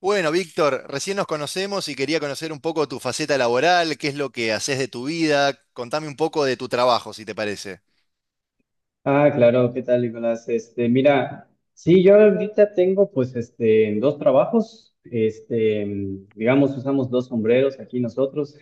Bueno, Víctor, recién nos conocemos y quería conocer un poco tu faceta laboral, qué es lo que haces de tu vida, contame un poco de tu trabajo, si te parece. Ah, claro, ¿qué tal, Nicolás? Mira, sí, yo ahorita tengo pues dos trabajos, digamos, usamos dos sombreros aquí nosotros,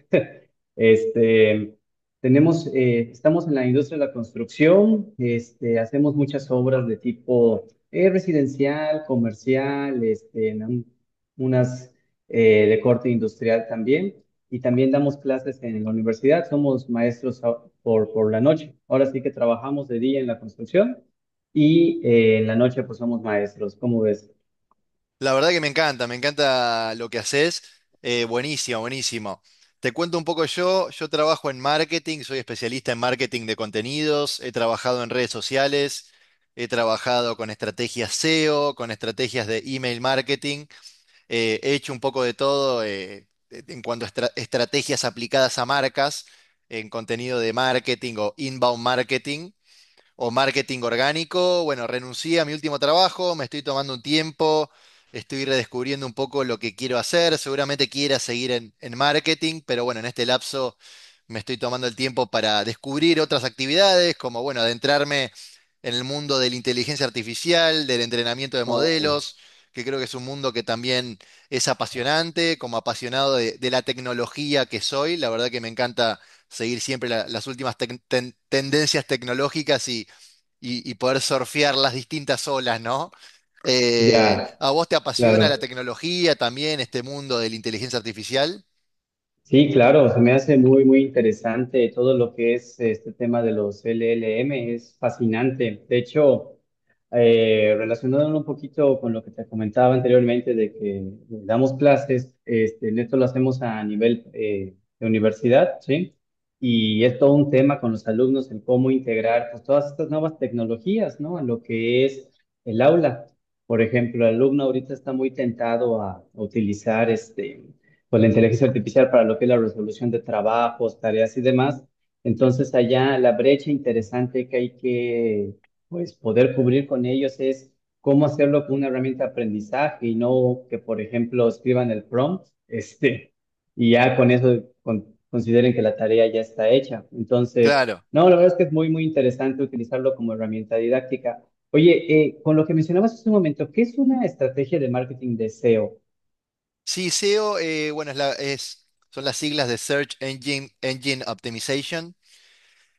este, estamos en la industria de la construcción, hacemos muchas obras de tipo residencial, comercial, en unas de corte industrial también, y también damos clases en la universidad, somos maestros por la noche. Ahora sí que trabajamos de día en la construcción y en la noche pues somos maestros, ¿cómo ves? La verdad que me encanta lo que haces, buenísimo, buenísimo. Te cuento un poco yo trabajo en marketing, soy especialista en marketing de contenidos, he trabajado en redes sociales, he trabajado con estrategias SEO, con estrategias de email marketing. He hecho un poco de todo en cuanto a estrategias aplicadas a marcas, en contenido de marketing o inbound marketing o marketing orgánico. Bueno, renuncié a mi último trabajo, me estoy tomando un tiempo, estoy redescubriendo un poco lo que quiero hacer. Seguramente quiera seguir en marketing, pero bueno, en este lapso me estoy tomando el tiempo para descubrir otras actividades, como bueno, adentrarme en el mundo de la inteligencia artificial, del entrenamiento de Oh, modelos, que creo que es un mundo que también es apasionante, como apasionado de la tecnología que soy, la verdad que me encanta seguir siempre las últimas tendencias tecnológicas y poder surfear las distintas olas, ¿no? Ya, ¿A vos te apasiona claro. la tecnología también, este mundo de la inteligencia artificial? Sí, claro, se me hace muy, muy interesante todo lo que es este tema de los LLM, es fascinante. De hecho, relacionándolo un poquito con lo que te comentaba anteriormente de que damos clases, en esto lo hacemos a nivel de universidad, ¿sí? Y es todo un tema con los alumnos, el cómo integrar pues todas estas nuevas tecnologías, ¿no? A lo que es el aula. Por ejemplo, el alumno ahorita está muy tentado a utilizar pues la inteligencia artificial para lo que es la resolución de trabajos, tareas y demás. Entonces, allá la brecha interesante que hay que pues poder cubrir con ellos es cómo hacerlo con una herramienta de aprendizaje y no que, por ejemplo, escriban el prompt, y ya con eso consideren que la tarea ya está hecha. Entonces, Claro. no, la verdad es que es muy, muy interesante utilizarlo como herramienta didáctica. Oye, con lo que mencionabas hace un momento, ¿qué es una estrategia de marketing de SEO? Sí, SEO, bueno, es son las siglas de Search Engine, Optimization,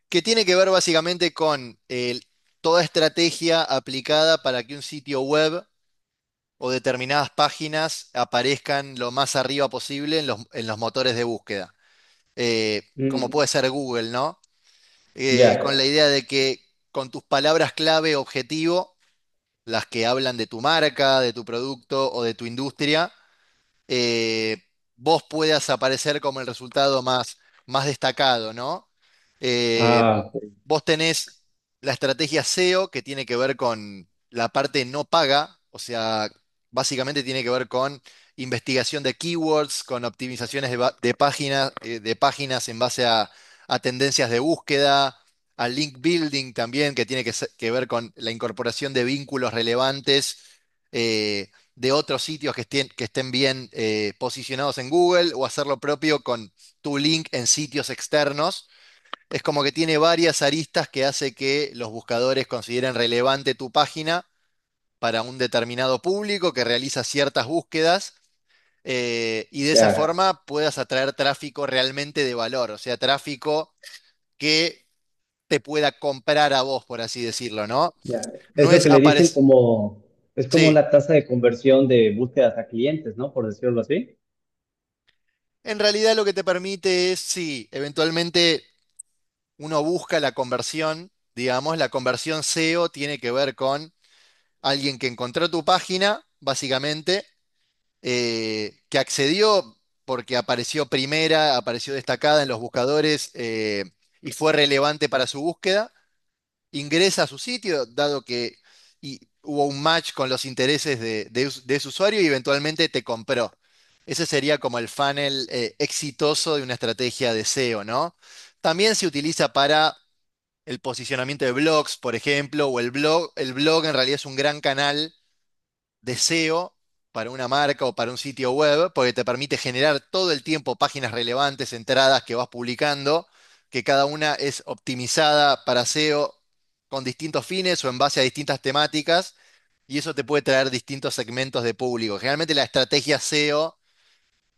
que tiene que ver básicamente con toda estrategia aplicada para que un sitio web o determinadas páginas aparezcan lo más arriba posible en los motores de búsqueda. Como puede Mm, ser Google, ¿no? Con ya. la idea de que con tus palabras clave objetivo, las que hablan de tu marca, de tu producto o de tu industria, eh, vos puedas aparecer como el resultado más, más destacado, ¿no? Eh, Ah, ok, Vos tenés la estrategia SEO que tiene que ver con la parte no paga, o sea, básicamente tiene que ver con investigación de keywords, con optimizaciones de páginas, de páginas en base a tendencias de búsqueda, a link building también, que tiene que, se- que ver con la incorporación de vínculos relevantes. eh, de otros sitios que estén, bien posicionados en Google o hacer lo propio con tu link en sitios externos. Es como que tiene varias aristas que hace que los buscadores consideren relevante tu página para un determinado público que realiza ciertas búsquedas y de esa ya, forma puedas atraer tráfico realmente de valor, o sea, tráfico que te pueda comprar a vos, por así decirlo, ¿no? ya. Es No lo es que le dicen aparecer. como, es como Sí, la tasa de conversión de búsquedas a clientes, ¿no? Por decirlo así. en realidad lo que te permite es, sí, eventualmente uno busca la conversión, digamos, la conversión SEO tiene que ver con alguien que encontró tu página, básicamente, que accedió porque apareció primera, apareció destacada en los buscadores y fue relevante para su búsqueda, ingresa a su sitio, dado que y hubo un match con los intereses de, de ese usuario y eventualmente te compró. Ese sería como el funnel exitoso de una estrategia de SEO, ¿no? También se utiliza para el posicionamiento de blogs, por ejemplo, o el blog. El blog en realidad es un gran canal de SEO para una marca o para un sitio web, porque te permite generar todo el tiempo páginas relevantes, entradas que vas publicando, que cada una es optimizada para SEO con distintos fines o en base a distintas temáticas, y eso te puede traer distintos segmentos de público. Generalmente la estrategia SEO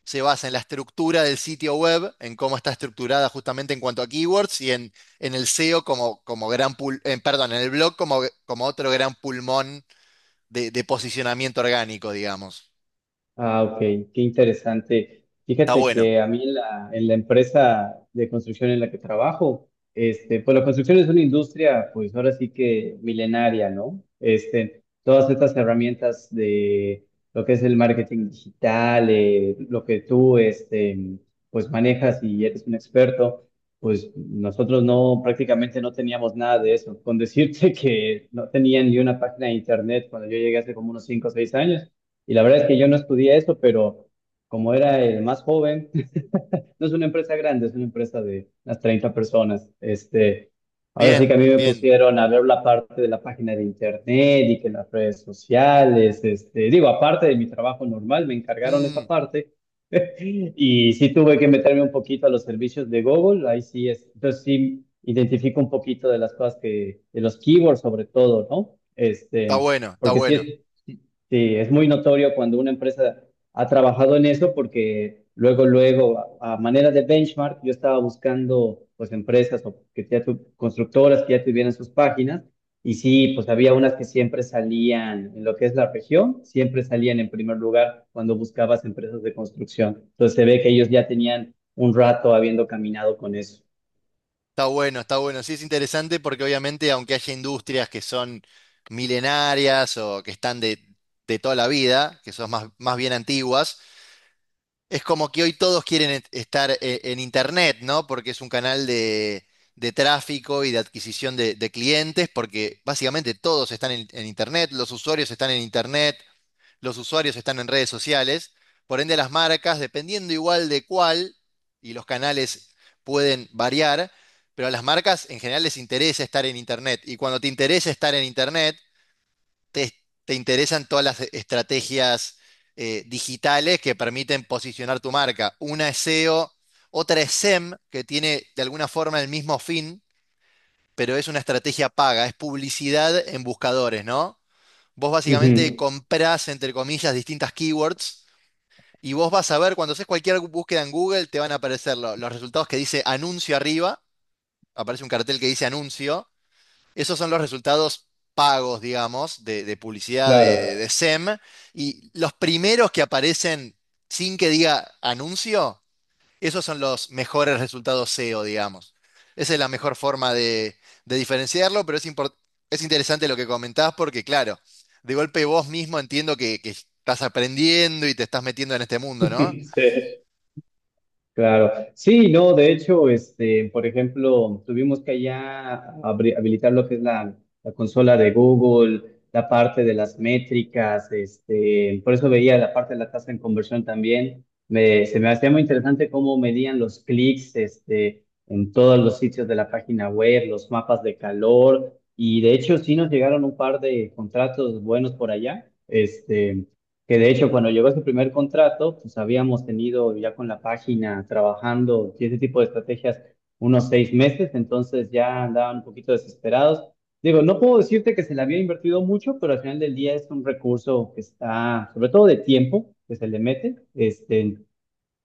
se basa en la estructura del sitio web, en cómo está estructurada justamente en cuanto a keywords y en el SEO perdón, en el blog como otro gran pulmón de posicionamiento orgánico, digamos. Ah, ok, qué interesante. Está Fíjate bueno. que a mí en la empresa de construcción en la que trabajo, pues la construcción es una industria, pues ahora sí que milenaria, ¿no? Todas estas herramientas de lo que es el marketing digital, lo que tú, pues manejas y eres un experto, pues nosotros no, prácticamente no teníamos nada de eso. Con decirte que no tenía ni una página de internet cuando yo llegué hace como unos 5 o 6 años. Y la verdad es que yo no estudié eso, pero como era el más joven, no es una empresa grande, es una empresa de unas 30 personas. Ahora sí que Bien, a mí me bien. pusieron a ver la parte de la página de internet y que las redes sociales, digo, aparte de mi trabajo normal, me encargaron esa Mm, parte. Y sí tuve que meterme un poquito a los servicios de Google, ahí sí es. Entonces sí identifico un poquito de las cosas de los keywords sobre todo, ¿no? Está Este, bueno, está porque bueno. Sí, es muy notorio cuando una empresa ha trabajado en eso porque luego, luego, a manera de benchmark, yo estaba buscando pues empresas o que ya constructoras que ya tuvieran sus páginas y sí, pues había unas que siempre salían en lo que es la región, siempre salían en primer lugar cuando buscabas empresas de construcción. Entonces se ve que ellos ya tenían un rato habiendo caminado con eso. Está bueno, está bueno. Sí es interesante porque obviamente aunque haya industrias que son milenarias o que están de toda la vida, que son más bien antiguas. Es como que hoy todos quieren estar en Internet, ¿no? Porque es un canal de tráfico y de adquisición de clientes, porque básicamente todos están en Internet, los usuarios están en Internet, los usuarios están en redes sociales, por ende las marcas, dependiendo igual de cuál, y los canales pueden variar, pero a las marcas en general les interesa estar en Internet, y cuando te interesa estar en Internet, te, te interesan todas las estrategias digitales que permiten posicionar tu marca. Una es SEO, otra es SEM, que tiene de alguna forma el mismo fin, pero es una estrategia paga, es publicidad en buscadores, ¿no? Vos básicamente Ujú, comprás, entre comillas, distintas keywords y vos vas a ver, cuando haces cualquier búsqueda en Google, te van a aparecer los resultados que dice anuncio arriba, aparece un cartel que dice anuncio, esos son los resultados pagos, digamos, de publicidad de claro, SEM. Y los primeros que aparecen sin que diga anuncio, esos son los mejores resultados SEO, digamos. Esa es la mejor forma de diferenciarlo, pero es interesante lo que comentás porque, claro, de golpe vos mismo entiendo que, estás aprendiendo y te estás metiendo en este mundo, ¿no? sí. Claro, sí, no, de hecho, por ejemplo, tuvimos que allá habilitar lo que es la consola de Google, la parte de las métricas, por eso veía la parte de la tasa en conversión también. Se me hacía muy interesante cómo medían los clics, en todos los sitios de la página web, los mapas de calor, y de hecho sí nos llegaron un par de contratos buenos por allá. Que de hecho, cuando llegó su primer contrato, pues habíamos tenido ya con la página trabajando y ese tipo de estrategias unos 6 meses, entonces ya andaban un poquito desesperados. Digo, no puedo decirte que se le había invertido mucho, pero al final del día es un recurso que está, sobre todo de tiempo, que se le mete. Este,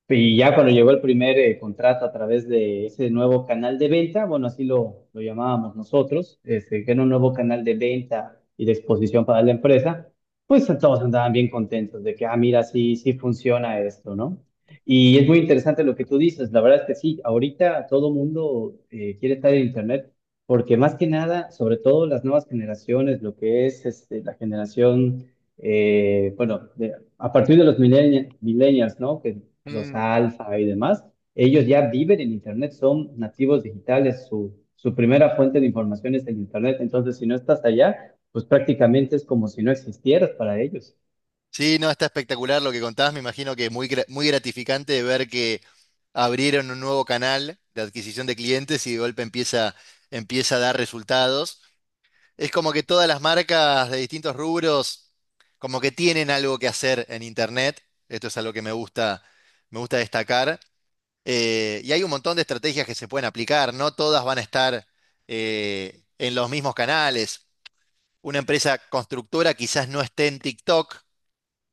y ya cuando llegó el primer contrato a través de ese nuevo canal de venta, bueno, así lo llamábamos nosotros, que era un nuevo canal de venta y de exposición para la empresa, pues todos andaban bien contentos de que, ah, mira, sí, sí funciona esto, ¿no? Y es muy interesante lo que tú dices, la verdad es que sí, ahorita todo mundo quiere estar en Internet, porque más que nada, sobre todo las nuevas generaciones, lo que es la generación bueno, a partir de los millennials, ¿no? Que los Mm. alfa y demás, ellos ya viven en Internet, son nativos digitales, su primera fuente de información es el Internet, entonces si no estás allá, pues prácticamente es como si no existieras para ellos. Sí, no, está espectacular lo que contabas. Me imagino que es muy gratificante de ver que abrieron un nuevo canal de adquisición de clientes y de golpe empieza, a dar resultados. Es como que todas las marcas de distintos rubros como que tienen algo que hacer en Internet. Esto es algo que me gusta destacar. Y hay un montón de estrategias que se pueden aplicar. No todas van a estar en los mismos canales. Una empresa constructora quizás no esté en TikTok.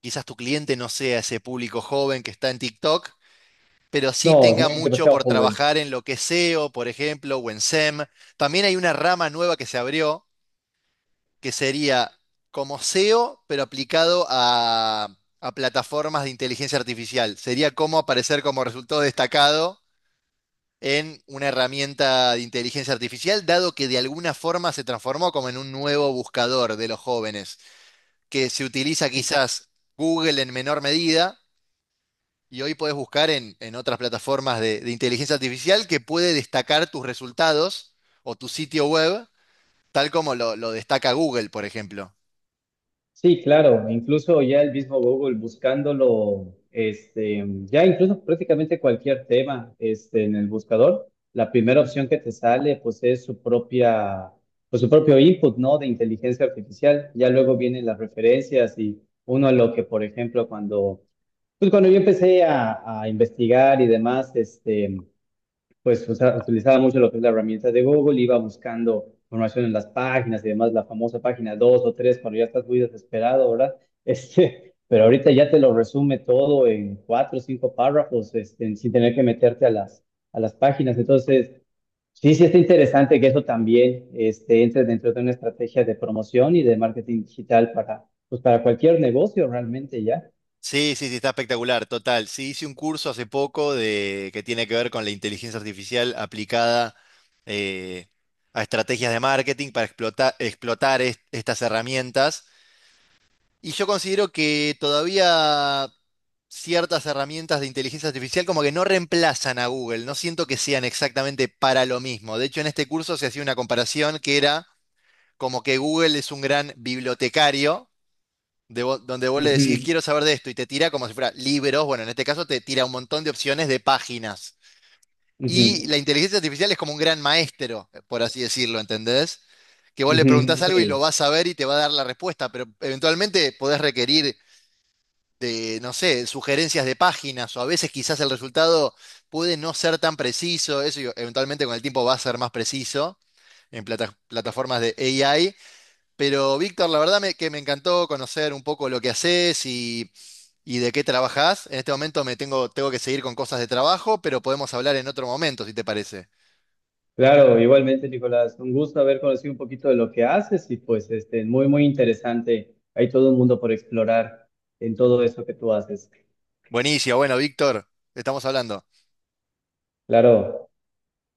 Quizás tu cliente no sea ese público joven que está en TikTok, pero sí No, tenga muy mucho demasiado por joven. trabajar en lo que es SEO, por ejemplo, o en SEM. También hay una rama nueva que se abrió, que sería como SEO, pero aplicado a plataformas de inteligencia artificial. Sería como aparecer como resultado destacado en una herramienta de inteligencia artificial, dado que de alguna forma se transformó como en un nuevo buscador de los jóvenes, que se utiliza quizás Google en menor medida. Y hoy puedes buscar en otras plataformas de inteligencia artificial que puede destacar tus resultados o tu sitio web, tal como lo destaca Google, por ejemplo. Sí, claro, incluso ya el mismo Google buscándolo, ya incluso prácticamente cualquier tema, en el buscador, la primera opción que te sale, pues es su propia, pues su propio input, ¿no? De inteligencia artificial. Ya luego vienen las referencias y uno a lo que, por ejemplo, pues cuando yo empecé a investigar y demás, pues utilizaba mucho lo que es la herramienta de Google, iba buscando información en las páginas y demás, la famosa página 2 o 3 cuando ya estás muy desesperado, ¿verdad? Pero ahorita ya te lo resume todo en cuatro o cinco párrafos, sin tener que meterte a a las páginas. Entonces, sí, sí está interesante que eso también entre dentro de una estrategia de promoción y de marketing digital para, pues, para cualquier negocio realmente ya. Sí, sí, sí, está espectacular, total. Sí, hice un curso hace poco que tiene que ver con la inteligencia artificial aplicada eh, a estrategias de marketing para explotar estas herramientas. Y yo considero que todavía ciertas herramientas de inteligencia artificial como que no reemplazan a Google, no siento que sean exactamente para lo mismo. De hecho, en este curso se hacía una comparación que era como que Google es un gran bibliotecario, donde vos le decís, Ujú, quiero saber de esto, y te tira como si fuera libros, bueno, en este caso te tira un montón de opciones de páginas. Y ujú, la inteligencia artificial es como un gran maestro, por así decirlo, ¿entendés? Que vos le ujú, preguntás algo y lo sí. vas a ver y te va a dar la respuesta, pero eventualmente podés requerir de, no sé, sugerencias de páginas o a veces quizás el resultado puede no ser tan preciso, eventualmente con el tiempo va a ser más preciso en plataformas de AI, pero Víctor, la verdad que me encantó conocer un poco lo que haces y de qué trabajás. En este momento tengo que seguir con cosas de trabajo, pero podemos hablar en otro momento, si te parece. Claro, igualmente, Nicolás, un gusto haber conocido un poquito de lo que haces y pues muy, muy interesante. Hay todo un mundo por explorar en todo eso que tú haces. Buenísimo, bueno, Víctor, estamos hablando. Claro.